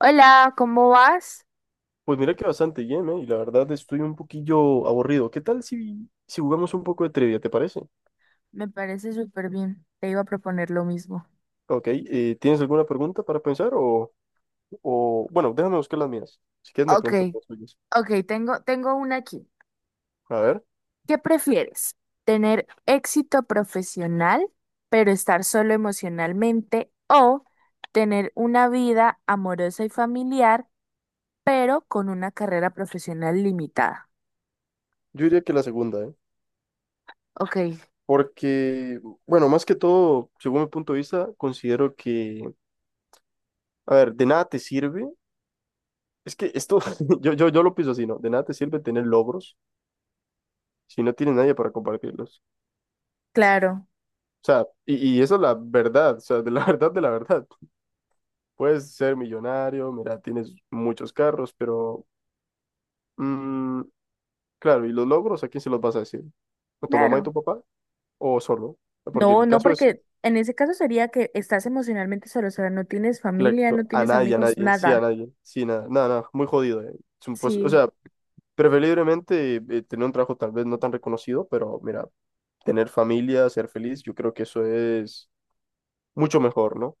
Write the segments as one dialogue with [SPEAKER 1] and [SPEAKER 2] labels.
[SPEAKER 1] Hola, ¿cómo vas?
[SPEAKER 2] Pues mira que bastante bien, ¿eh? Y la verdad estoy un poquillo aburrido. ¿Qué tal si jugamos un poco de trivia, te parece?
[SPEAKER 1] Me parece súper bien. Te iba a proponer lo mismo.
[SPEAKER 2] Ok, ¿tienes alguna pregunta para pensar Bueno, déjame buscar las mías. Si quieres me
[SPEAKER 1] Ok,
[SPEAKER 2] preguntas las tuyas.
[SPEAKER 1] ok, tengo una aquí.
[SPEAKER 2] A ver,
[SPEAKER 1] ¿Qué prefieres? ¿Tener éxito profesional, pero estar solo emocionalmente? ¿O tener una vida amorosa y familiar, pero con una carrera profesional limitada?
[SPEAKER 2] yo diría que la segunda, ¿eh?
[SPEAKER 1] Ok,
[SPEAKER 2] Porque, bueno, más que todo, según mi punto de vista, considero que, a ver, de nada te sirve. Es que esto, yo lo pienso así, ¿no? De nada te sirve tener logros si no tienes nadie para compartirlos.
[SPEAKER 1] claro,
[SPEAKER 2] O sea, y eso es la verdad, o sea, de la verdad, de la verdad. Puedes ser millonario, mira, tienes muchos carros, pero mm, claro, ¿y los logros a quién se los vas a decir? ¿A tu mamá y
[SPEAKER 1] claro.
[SPEAKER 2] tu papá? ¿O solo? Porque
[SPEAKER 1] No,
[SPEAKER 2] el
[SPEAKER 1] no,
[SPEAKER 2] caso es,
[SPEAKER 1] porque en ese caso sería que estás emocionalmente solo, o sea, no tienes familia, no
[SPEAKER 2] exacto,
[SPEAKER 1] tienes amigos,
[SPEAKER 2] a
[SPEAKER 1] nada.
[SPEAKER 2] nadie, sí, nada, nada, nada, muy jodido. Es un o
[SPEAKER 1] Sí.
[SPEAKER 2] sea, preferiblemente tener un trabajo tal vez no tan reconocido, pero mira, tener familia, ser feliz, yo creo que eso es mucho mejor, ¿no?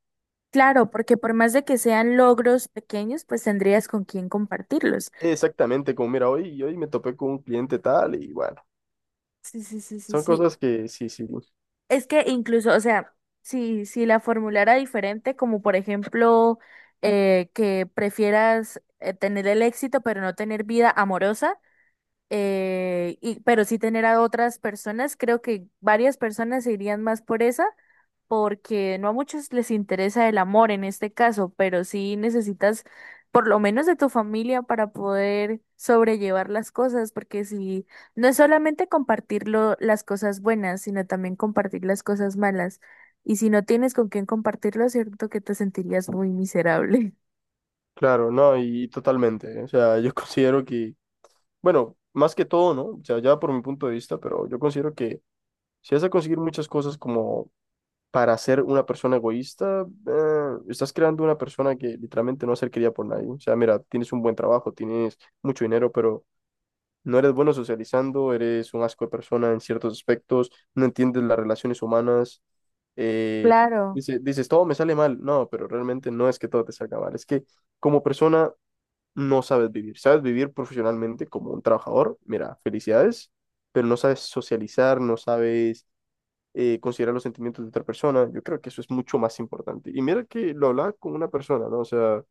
[SPEAKER 1] Claro, porque por más de que sean logros pequeños, pues tendrías con quién compartirlos.
[SPEAKER 2] Exactamente, como mira, hoy me topé con un cliente tal y bueno,
[SPEAKER 1] Sí, sí, sí, sí,
[SPEAKER 2] son
[SPEAKER 1] sí.
[SPEAKER 2] cosas que sí, sí.
[SPEAKER 1] Es que incluso, o sea, si la formulara diferente, como por ejemplo, que prefieras tener el éxito pero no tener vida amorosa, pero sí tener a otras personas, creo que varias personas se irían más por esa porque no a muchos les interesa el amor en este caso, pero sí necesitas por lo menos de tu familia para poder sobrellevar las cosas, porque si no es solamente compartir las cosas buenas, sino también compartir las cosas malas. Y si no tienes con quién compartirlo, cierto que te sentirías muy miserable.
[SPEAKER 2] Claro, no, y totalmente. O sea, yo considero que, bueno, más que todo, ¿no? O sea, ya por mi punto de vista, pero yo considero que si vas a conseguir muchas cosas como para ser una persona egoísta, estás creando una persona que literalmente no va a ser querida por nadie. O sea, mira, tienes un buen trabajo, tienes mucho dinero, pero no eres bueno socializando, eres un asco de persona en ciertos aspectos, no entiendes las relaciones humanas. eh,
[SPEAKER 1] Claro,
[SPEAKER 2] dices, todo me sale mal. No, pero realmente no es que todo te salga mal, es que como persona no sabes vivir. Sabes vivir profesionalmente como un trabajador, mira, felicidades, pero no sabes socializar, no sabes considerar los sentimientos de otra persona. Yo creo que eso es mucho más importante. Y mira que lo hablaba con una persona, ¿no? O sea,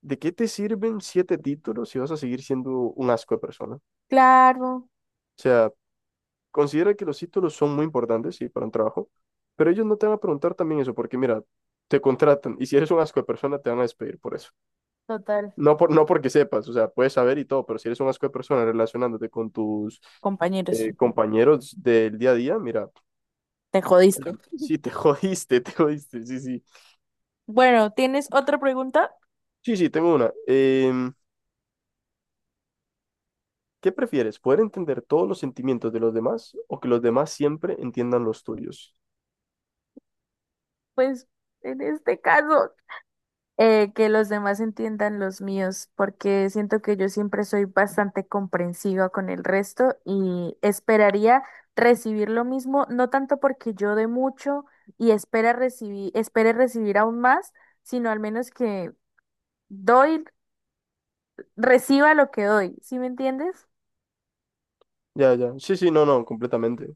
[SPEAKER 2] ¿de qué te sirven siete títulos si vas a seguir siendo un asco de persona? O
[SPEAKER 1] claro,
[SPEAKER 2] sea, considera que los títulos son muy importantes, sí, para un trabajo, pero ellos no te van a preguntar también eso, porque mira, te contratan y si eres un asco de persona te van a despedir por eso.
[SPEAKER 1] total.
[SPEAKER 2] No, por, no porque sepas, o sea, puedes saber y todo, pero si eres un asco de persona relacionándote con tus
[SPEAKER 1] Compañeros,
[SPEAKER 2] compañeros del día a día, mira,
[SPEAKER 1] te jodiste.
[SPEAKER 2] sí, te jodiste, te jodiste, sí, sí.
[SPEAKER 1] Bueno, ¿tienes otra pregunta?
[SPEAKER 2] Sí, sí, tengo una. Em, ¿qué prefieres? ¿Poder entender todos los sentimientos de los demás o que los demás siempre entiendan los tuyos?
[SPEAKER 1] Pues en este caso, que los demás entiendan los míos, porque siento que yo siempre soy bastante comprensiva con el resto y esperaría recibir lo mismo, no tanto porque yo dé mucho y espere recibir aún más, sino al menos que doy, reciba lo que doy, ¿sí me entiendes?
[SPEAKER 2] Ya, ya. Sí, sí, no, no, completamente.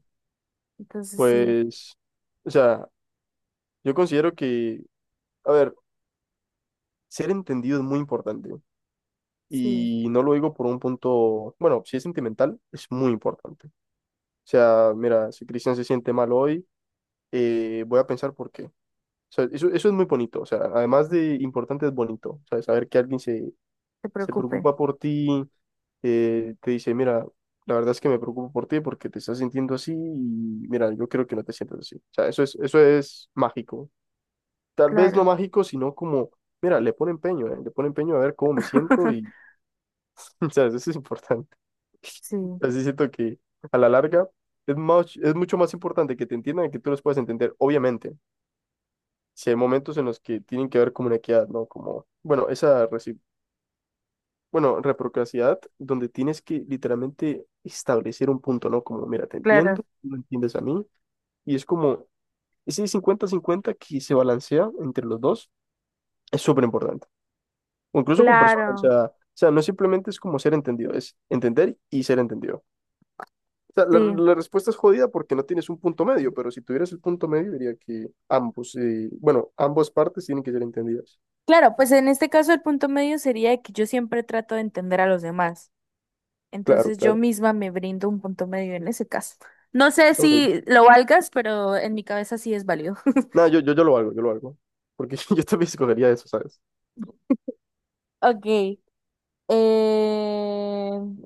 [SPEAKER 1] Entonces sí,
[SPEAKER 2] Pues, o sea, yo considero que, a ver, ser entendido es muy importante.
[SPEAKER 1] sí,
[SPEAKER 2] Y no lo digo por un punto, bueno, si es sentimental, es muy importante. O sea, mira, si Cristian se siente mal hoy, voy a pensar por qué. O sea, eso es muy bonito. O sea, además de importante, es bonito. O sea, saber que alguien se,
[SPEAKER 1] se
[SPEAKER 2] se
[SPEAKER 1] preocupe,
[SPEAKER 2] preocupa por ti, te dice, mira, la verdad es que me preocupo por ti porque te estás sintiendo así y mira, yo creo que no te sientas así. O sea, eso es mágico. Tal vez no
[SPEAKER 1] claro,
[SPEAKER 2] mágico, sino como, mira, le pone empeño a ver cómo me siento y, o sea, eso es importante.
[SPEAKER 1] sí,
[SPEAKER 2] Así siento que a la larga es más, es mucho más importante que te entiendan y que tú los puedas entender. Obviamente, si hay momentos en los que tienen que haber como una equidad, ¿no? Como, bueno, bueno, reciprocidad, donde tienes que literalmente establecer un punto, ¿no? Como, mira, te entiendo,
[SPEAKER 1] claro,
[SPEAKER 2] tú me entiendes a mí. Y es como ese cincuenta cincuenta que se balancea entre los dos es súper importante. O incluso con personas,
[SPEAKER 1] claro,
[SPEAKER 2] o sea, no simplemente es como ser entendido, es entender y ser entendido. O sea, la,
[SPEAKER 1] sí.
[SPEAKER 2] la respuesta es jodida porque no tienes un punto medio, pero si tuvieras el punto medio, diría que ambos, bueno, ambas partes tienen que ser entendidas.
[SPEAKER 1] Claro, pues en este caso el punto medio sería que yo siempre trato de entender a los demás.
[SPEAKER 2] Claro,
[SPEAKER 1] Entonces yo
[SPEAKER 2] claro.
[SPEAKER 1] misma me brindo un punto medio en ese caso. No sé
[SPEAKER 2] Ok.
[SPEAKER 1] si lo valgas, pero en mi cabeza sí es válido.
[SPEAKER 2] Nada, yo lo hago, yo lo hago. Porque yo también escogería eso, ¿sabes?
[SPEAKER 1] Ok. eh,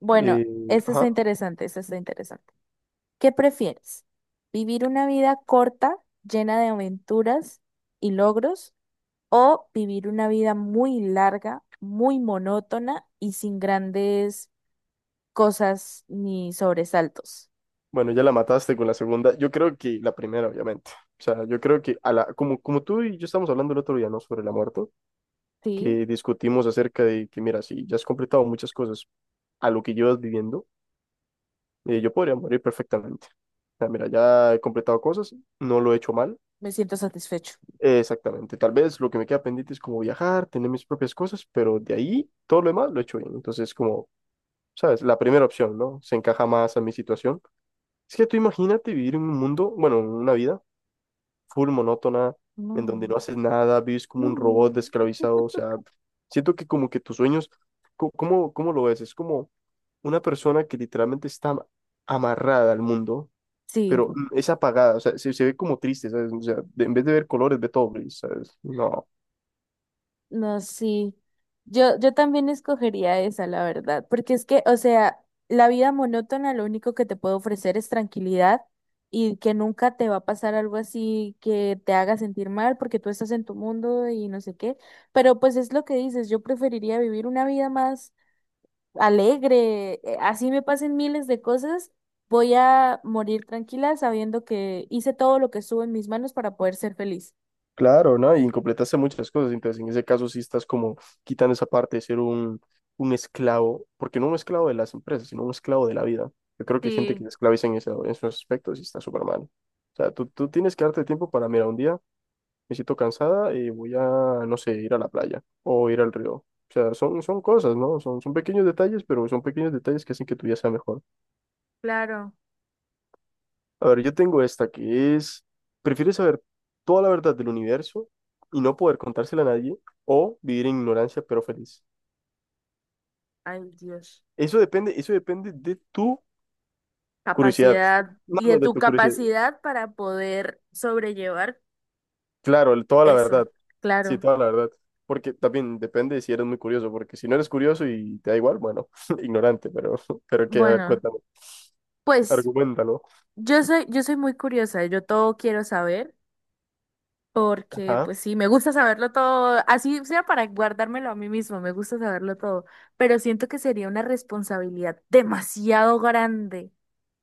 [SPEAKER 1] Bueno,
[SPEAKER 2] Eh,
[SPEAKER 1] esto está
[SPEAKER 2] ajá.
[SPEAKER 1] interesante, esto está interesante. ¿Qué prefieres? ¿Vivir una vida corta, llena de aventuras y logros, o vivir una vida muy larga, muy monótona y sin grandes cosas ni sobresaltos?
[SPEAKER 2] Bueno, ya la mataste con la segunda. Yo creo que la primera, obviamente. O sea, yo creo que a la, como, como tú y yo estamos hablando el otro día, ¿no? Sobre la muerte,
[SPEAKER 1] Sí,
[SPEAKER 2] que discutimos acerca de que, mira, si ya has completado muchas cosas a lo que llevas viviendo. Y yo podría morir perfectamente. O sea, mira, ya he completado cosas, no lo he hecho mal.
[SPEAKER 1] me siento satisfecho.
[SPEAKER 2] Exactamente. Tal vez lo que me queda pendiente es como viajar, tener mis propias cosas, pero de ahí todo lo demás lo he hecho bien. Entonces, como, ¿sabes? La primera opción, ¿no? Se encaja más a mi situación. Es que tú imagínate vivir en un mundo, bueno, en una vida full monótona, en donde
[SPEAKER 1] No.
[SPEAKER 2] no haces nada, vives como un robot
[SPEAKER 1] No.
[SPEAKER 2] esclavizado. O sea, siento que como que tus sueños, ¿cómo lo ves? Es como una persona que literalmente está amarrada al mundo, pero
[SPEAKER 1] Sí.
[SPEAKER 2] es apagada, o sea, se ve como triste, ¿sabes? O sea, en vez de ver colores, ve todo gris, ¿sabes? No,
[SPEAKER 1] No, sí. Yo también escogería esa, la verdad, porque es que, o sea, la vida monótona lo único que te puede ofrecer es tranquilidad y que nunca te va a pasar algo así que te haga sentir mal porque tú estás en tu mundo y no sé qué. Pero pues es lo que dices, yo preferiría vivir una vida más alegre, así me pasen miles de cosas, voy a morir tranquila sabiendo que hice todo lo que estuvo en mis manos para poder ser feliz.
[SPEAKER 2] claro, ¿no? Y incompletaste muchas cosas, entonces en ese caso sí estás como quitando esa parte de ser un esclavo, porque no un esclavo de las empresas, sino un esclavo de la vida. Yo creo que hay gente que
[SPEAKER 1] Sí,
[SPEAKER 2] se esclaviza en, en esos aspectos y está súper mal. O sea, tú tienes que darte tiempo para, mira, un día me siento cansada y voy a, no sé, ir a la playa o ir al río. O sea, son cosas, ¿no? Son pequeños detalles, pero son pequeños detalles que hacen que tu día sea mejor.
[SPEAKER 1] claro.
[SPEAKER 2] A ver, yo tengo esta que es, ¿prefieres saber toda la verdad del universo y no poder contársela a nadie o vivir en ignorancia pero feliz?
[SPEAKER 1] Ay, Dios.
[SPEAKER 2] Eso depende de tu curiosidad.
[SPEAKER 1] Capacidad
[SPEAKER 2] No,
[SPEAKER 1] y de
[SPEAKER 2] no, de
[SPEAKER 1] tu
[SPEAKER 2] tu curiosidad.
[SPEAKER 1] capacidad para poder sobrellevar
[SPEAKER 2] Claro, toda la
[SPEAKER 1] eso,
[SPEAKER 2] verdad. Sí,
[SPEAKER 1] claro.
[SPEAKER 2] toda la verdad. Porque también depende de si eres muy curioso, porque si no eres curioso y te da igual, bueno, ignorante, pero qué, a ver,
[SPEAKER 1] Bueno,
[SPEAKER 2] cuéntame,
[SPEAKER 1] pues
[SPEAKER 2] argumentalo.
[SPEAKER 1] yo soy muy curiosa, yo todo quiero saber, porque pues sí, me gusta saberlo todo, así sea para guardármelo a mí mismo, me gusta saberlo todo, pero siento que sería una responsabilidad demasiado grande.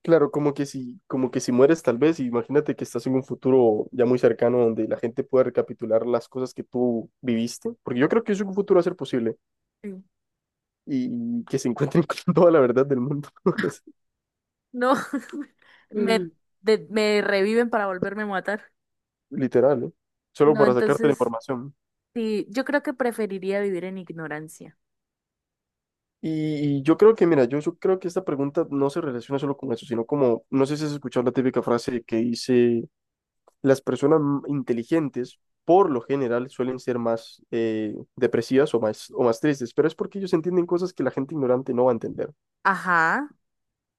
[SPEAKER 2] Claro, como que si mueres tal vez, imagínate que estás en un futuro ya muy cercano donde la gente pueda recapitular las cosas que tú viviste, porque yo creo que eso en un futuro va a ser posible
[SPEAKER 1] Sí.
[SPEAKER 2] y que se encuentren con toda la verdad del mundo,
[SPEAKER 1] No, me, me reviven para volverme a matar.
[SPEAKER 2] literal, ¿eh? Solo
[SPEAKER 1] No,
[SPEAKER 2] para sacarte la
[SPEAKER 1] entonces,
[SPEAKER 2] información.
[SPEAKER 1] sí, yo creo que preferiría vivir en ignorancia.
[SPEAKER 2] Y yo creo que, mira, yo creo que esta pregunta no se relaciona solo con eso, sino como, no sé si has escuchado la típica frase que dice las personas inteligentes por lo general suelen ser más depresivas o más tristes, pero es porque ellos entienden cosas que la gente ignorante no va a entender.
[SPEAKER 1] Ajá.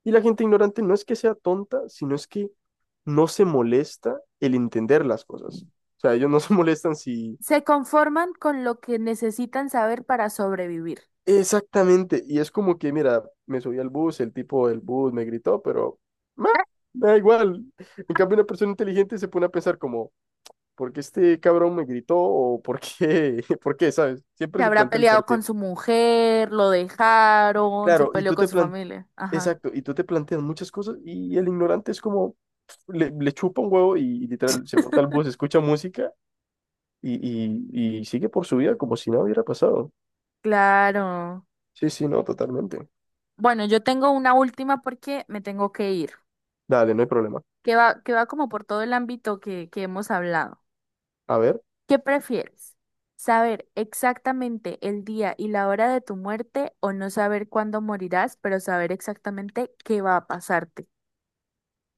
[SPEAKER 2] Y la gente ignorante no es que sea tonta, sino es que no se molesta el entender las cosas. O sea, ellos no se molestan si...
[SPEAKER 1] Se conforman con lo que necesitan saber para sobrevivir.
[SPEAKER 2] Exactamente, y es como que, mira, me subí al bus, el tipo del bus me gritó, pero... "Meh, me da igual". En cambio, una persona inteligente se pone a pensar como, ¿por qué este cabrón me gritó? ¿O por qué? ¿Por qué? ¿Sabes?
[SPEAKER 1] Se
[SPEAKER 2] Siempre se
[SPEAKER 1] habrá
[SPEAKER 2] plantea el por
[SPEAKER 1] peleado
[SPEAKER 2] qué.
[SPEAKER 1] con su mujer, lo dejaron, se
[SPEAKER 2] Claro, y
[SPEAKER 1] peleó
[SPEAKER 2] tú
[SPEAKER 1] con
[SPEAKER 2] te
[SPEAKER 1] su
[SPEAKER 2] plan...
[SPEAKER 1] familia. Ajá.
[SPEAKER 2] Exacto, y tú te planteas muchas cosas y el ignorante es como, pf, le chupa un huevo y literal se monta al bus, escucha música y, y sigue por su vida como si nada hubiera pasado.
[SPEAKER 1] Claro.
[SPEAKER 2] Sí, sí, no, totalmente.
[SPEAKER 1] Bueno, yo tengo una última porque me tengo que ir,
[SPEAKER 2] Dale, no hay problema.
[SPEAKER 1] que va como por todo el ámbito que hemos hablado.
[SPEAKER 2] A ver,
[SPEAKER 1] ¿Qué prefieres? ¿Saber exactamente el día y la hora de tu muerte o no saber cuándo morirás, pero saber exactamente qué va a pasarte?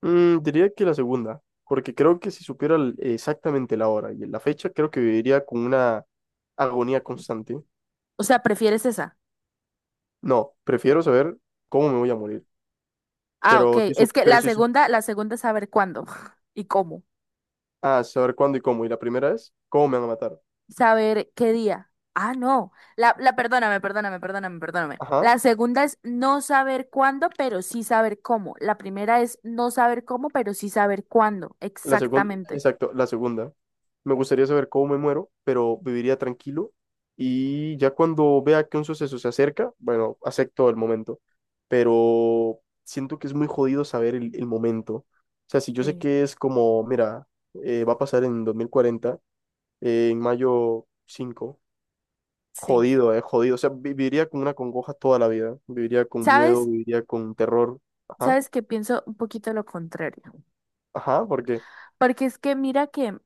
[SPEAKER 2] diría que la segunda, porque creo que si supiera exactamente la hora y la fecha, creo que viviría con una agonía constante.
[SPEAKER 1] O sea, ¿prefieres esa?
[SPEAKER 2] No, prefiero saber cómo me voy a morir.
[SPEAKER 1] Ah, ok.
[SPEAKER 2] Pero sí,
[SPEAKER 1] Es que la segunda es saber cuándo y cómo.
[SPEAKER 2] ah, saber cuándo y cómo. Y la primera es, ¿cómo me van a matar?
[SPEAKER 1] Saber qué día. Ah, no. La, perdóname, perdóname, perdóname, perdóname.
[SPEAKER 2] Ajá.
[SPEAKER 1] La segunda es no saber cuándo, pero sí saber cómo. La primera es no saber cómo, pero sí saber cuándo.
[SPEAKER 2] La segunda,
[SPEAKER 1] Exactamente.
[SPEAKER 2] exacto, la segunda. Me gustaría saber cómo me muero, pero viviría tranquilo. Y ya cuando vea que un suceso se acerca, bueno, acepto el momento. Pero siento que es muy jodido saber el momento. O sea, si yo sé
[SPEAKER 1] Sí,
[SPEAKER 2] que es como, mira, va a pasar en 2040, en mayo 5.
[SPEAKER 1] sí.
[SPEAKER 2] Jodido, jodido. O sea, viviría con una congoja toda la vida. Viviría con miedo,
[SPEAKER 1] ¿Sabes?
[SPEAKER 2] viviría con terror. Ajá,
[SPEAKER 1] ¿Sabes que pienso un poquito lo contrario?
[SPEAKER 2] ajá, porque.
[SPEAKER 1] Porque es que mira que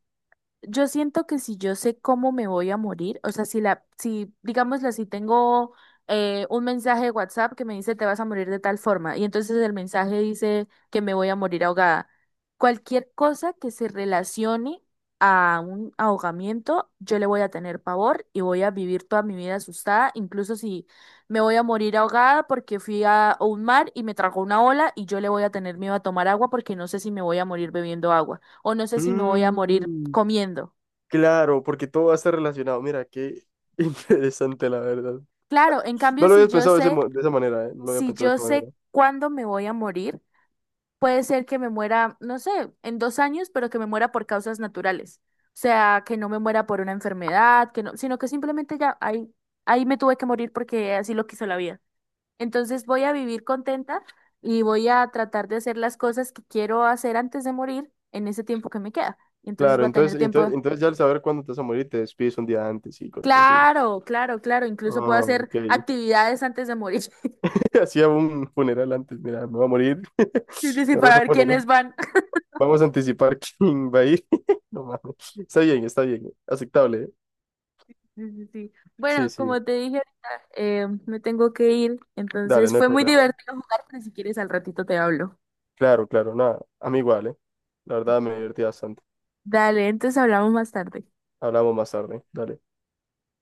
[SPEAKER 1] yo siento que si yo sé cómo me voy a morir, o sea, si la, si, digámoslo, si tengo un mensaje de WhatsApp que me dice te vas a morir de tal forma, y entonces el mensaje dice que me voy a morir ahogada. Cualquier cosa que se relacione a un ahogamiento, yo le voy a tener pavor y voy a vivir toda mi vida asustada, incluso si me voy a morir ahogada porque fui a un mar y me tragó una ola y yo le voy a tener miedo a tomar agua porque no sé si me voy a morir bebiendo agua o no sé si me voy a morir
[SPEAKER 2] Mm,
[SPEAKER 1] comiendo.
[SPEAKER 2] claro, porque todo va a estar relacionado. Mira, qué interesante, la verdad.
[SPEAKER 1] Claro, en cambio,
[SPEAKER 2] No lo habías pensado de esa manera, ¿eh? No lo había
[SPEAKER 1] si
[SPEAKER 2] pensado de
[SPEAKER 1] yo
[SPEAKER 2] esa manera.
[SPEAKER 1] sé cuándo me voy a morir, puede ser que me muera, no sé, en 2 años, pero que me muera por causas naturales. O sea, que no me muera por una enfermedad, que no, sino que simplemente ya ahí, ahí me tuve que morir porque así lo quiso la vida. Entonces voy a vivir contenta y voy a tratar de hacer las cosas que quiero hacer antes de morir en ese tiempo que me queda. Y entonces
[SPEAKER 2] Claro,
[SPEAKER 1] voy a tener
[SPEAKER 2] entonces, entonces,
[SPEAKER 1] tiempo.
[SPEAKER 2] entonces ya al saber cuándo te vas a morir, te despides un día antes y cosas así.
[SPEAKER 1] Claro, claro, claro. Incluso puedo
[SPEAKER 2] Ah,
[SPEAKER 1] hacer
[SPEAKER 2] ok.
[SPEAKER 1] actividades antes de morir.
[SPEAKER 2] Hacía un funeral antes, mira, me va a morir.
[SPEAKER 1] Sí, sí, sí,
[SPEAKER 2] Vamos
[SPEAKER 1] para
[SPEAKER 2] a
[SPEAKER 1] ver
[SPEAKER 2] poner,
[SPEAKER 1] quiénes van.
[SPEAKER 2] vamos a anticipar quién va a ir. No mames. Está bien, está bien. Aceptable.
[SPEAKER 1] Sí, sí, sí.
[SPEAKER 2] Sí,
[SPEAKER 1] Bueno,
[SPEAKER 2] sí,
[SPEAKER 1] como te dije ahorita, me tengo que ir.
[SPEAKER 2] dale,
[SPEAKER 1] Entonces
[SPEAKER 2] no hay
[SPEAKER 1] fue muy
[SPEAKER 2] problema.
[SPEAKER 1] divertido jugar, pero si quieres al ratito te hablo.
[SPEAKER 2] Claro, claro, nada. A mí igual, ¿eh? La verdad me divertí bastante.
[SPEAKER 1] Dale, entonces hablamos más tarde.
[SPEAKER 2] Hablamos más tarde. Dale.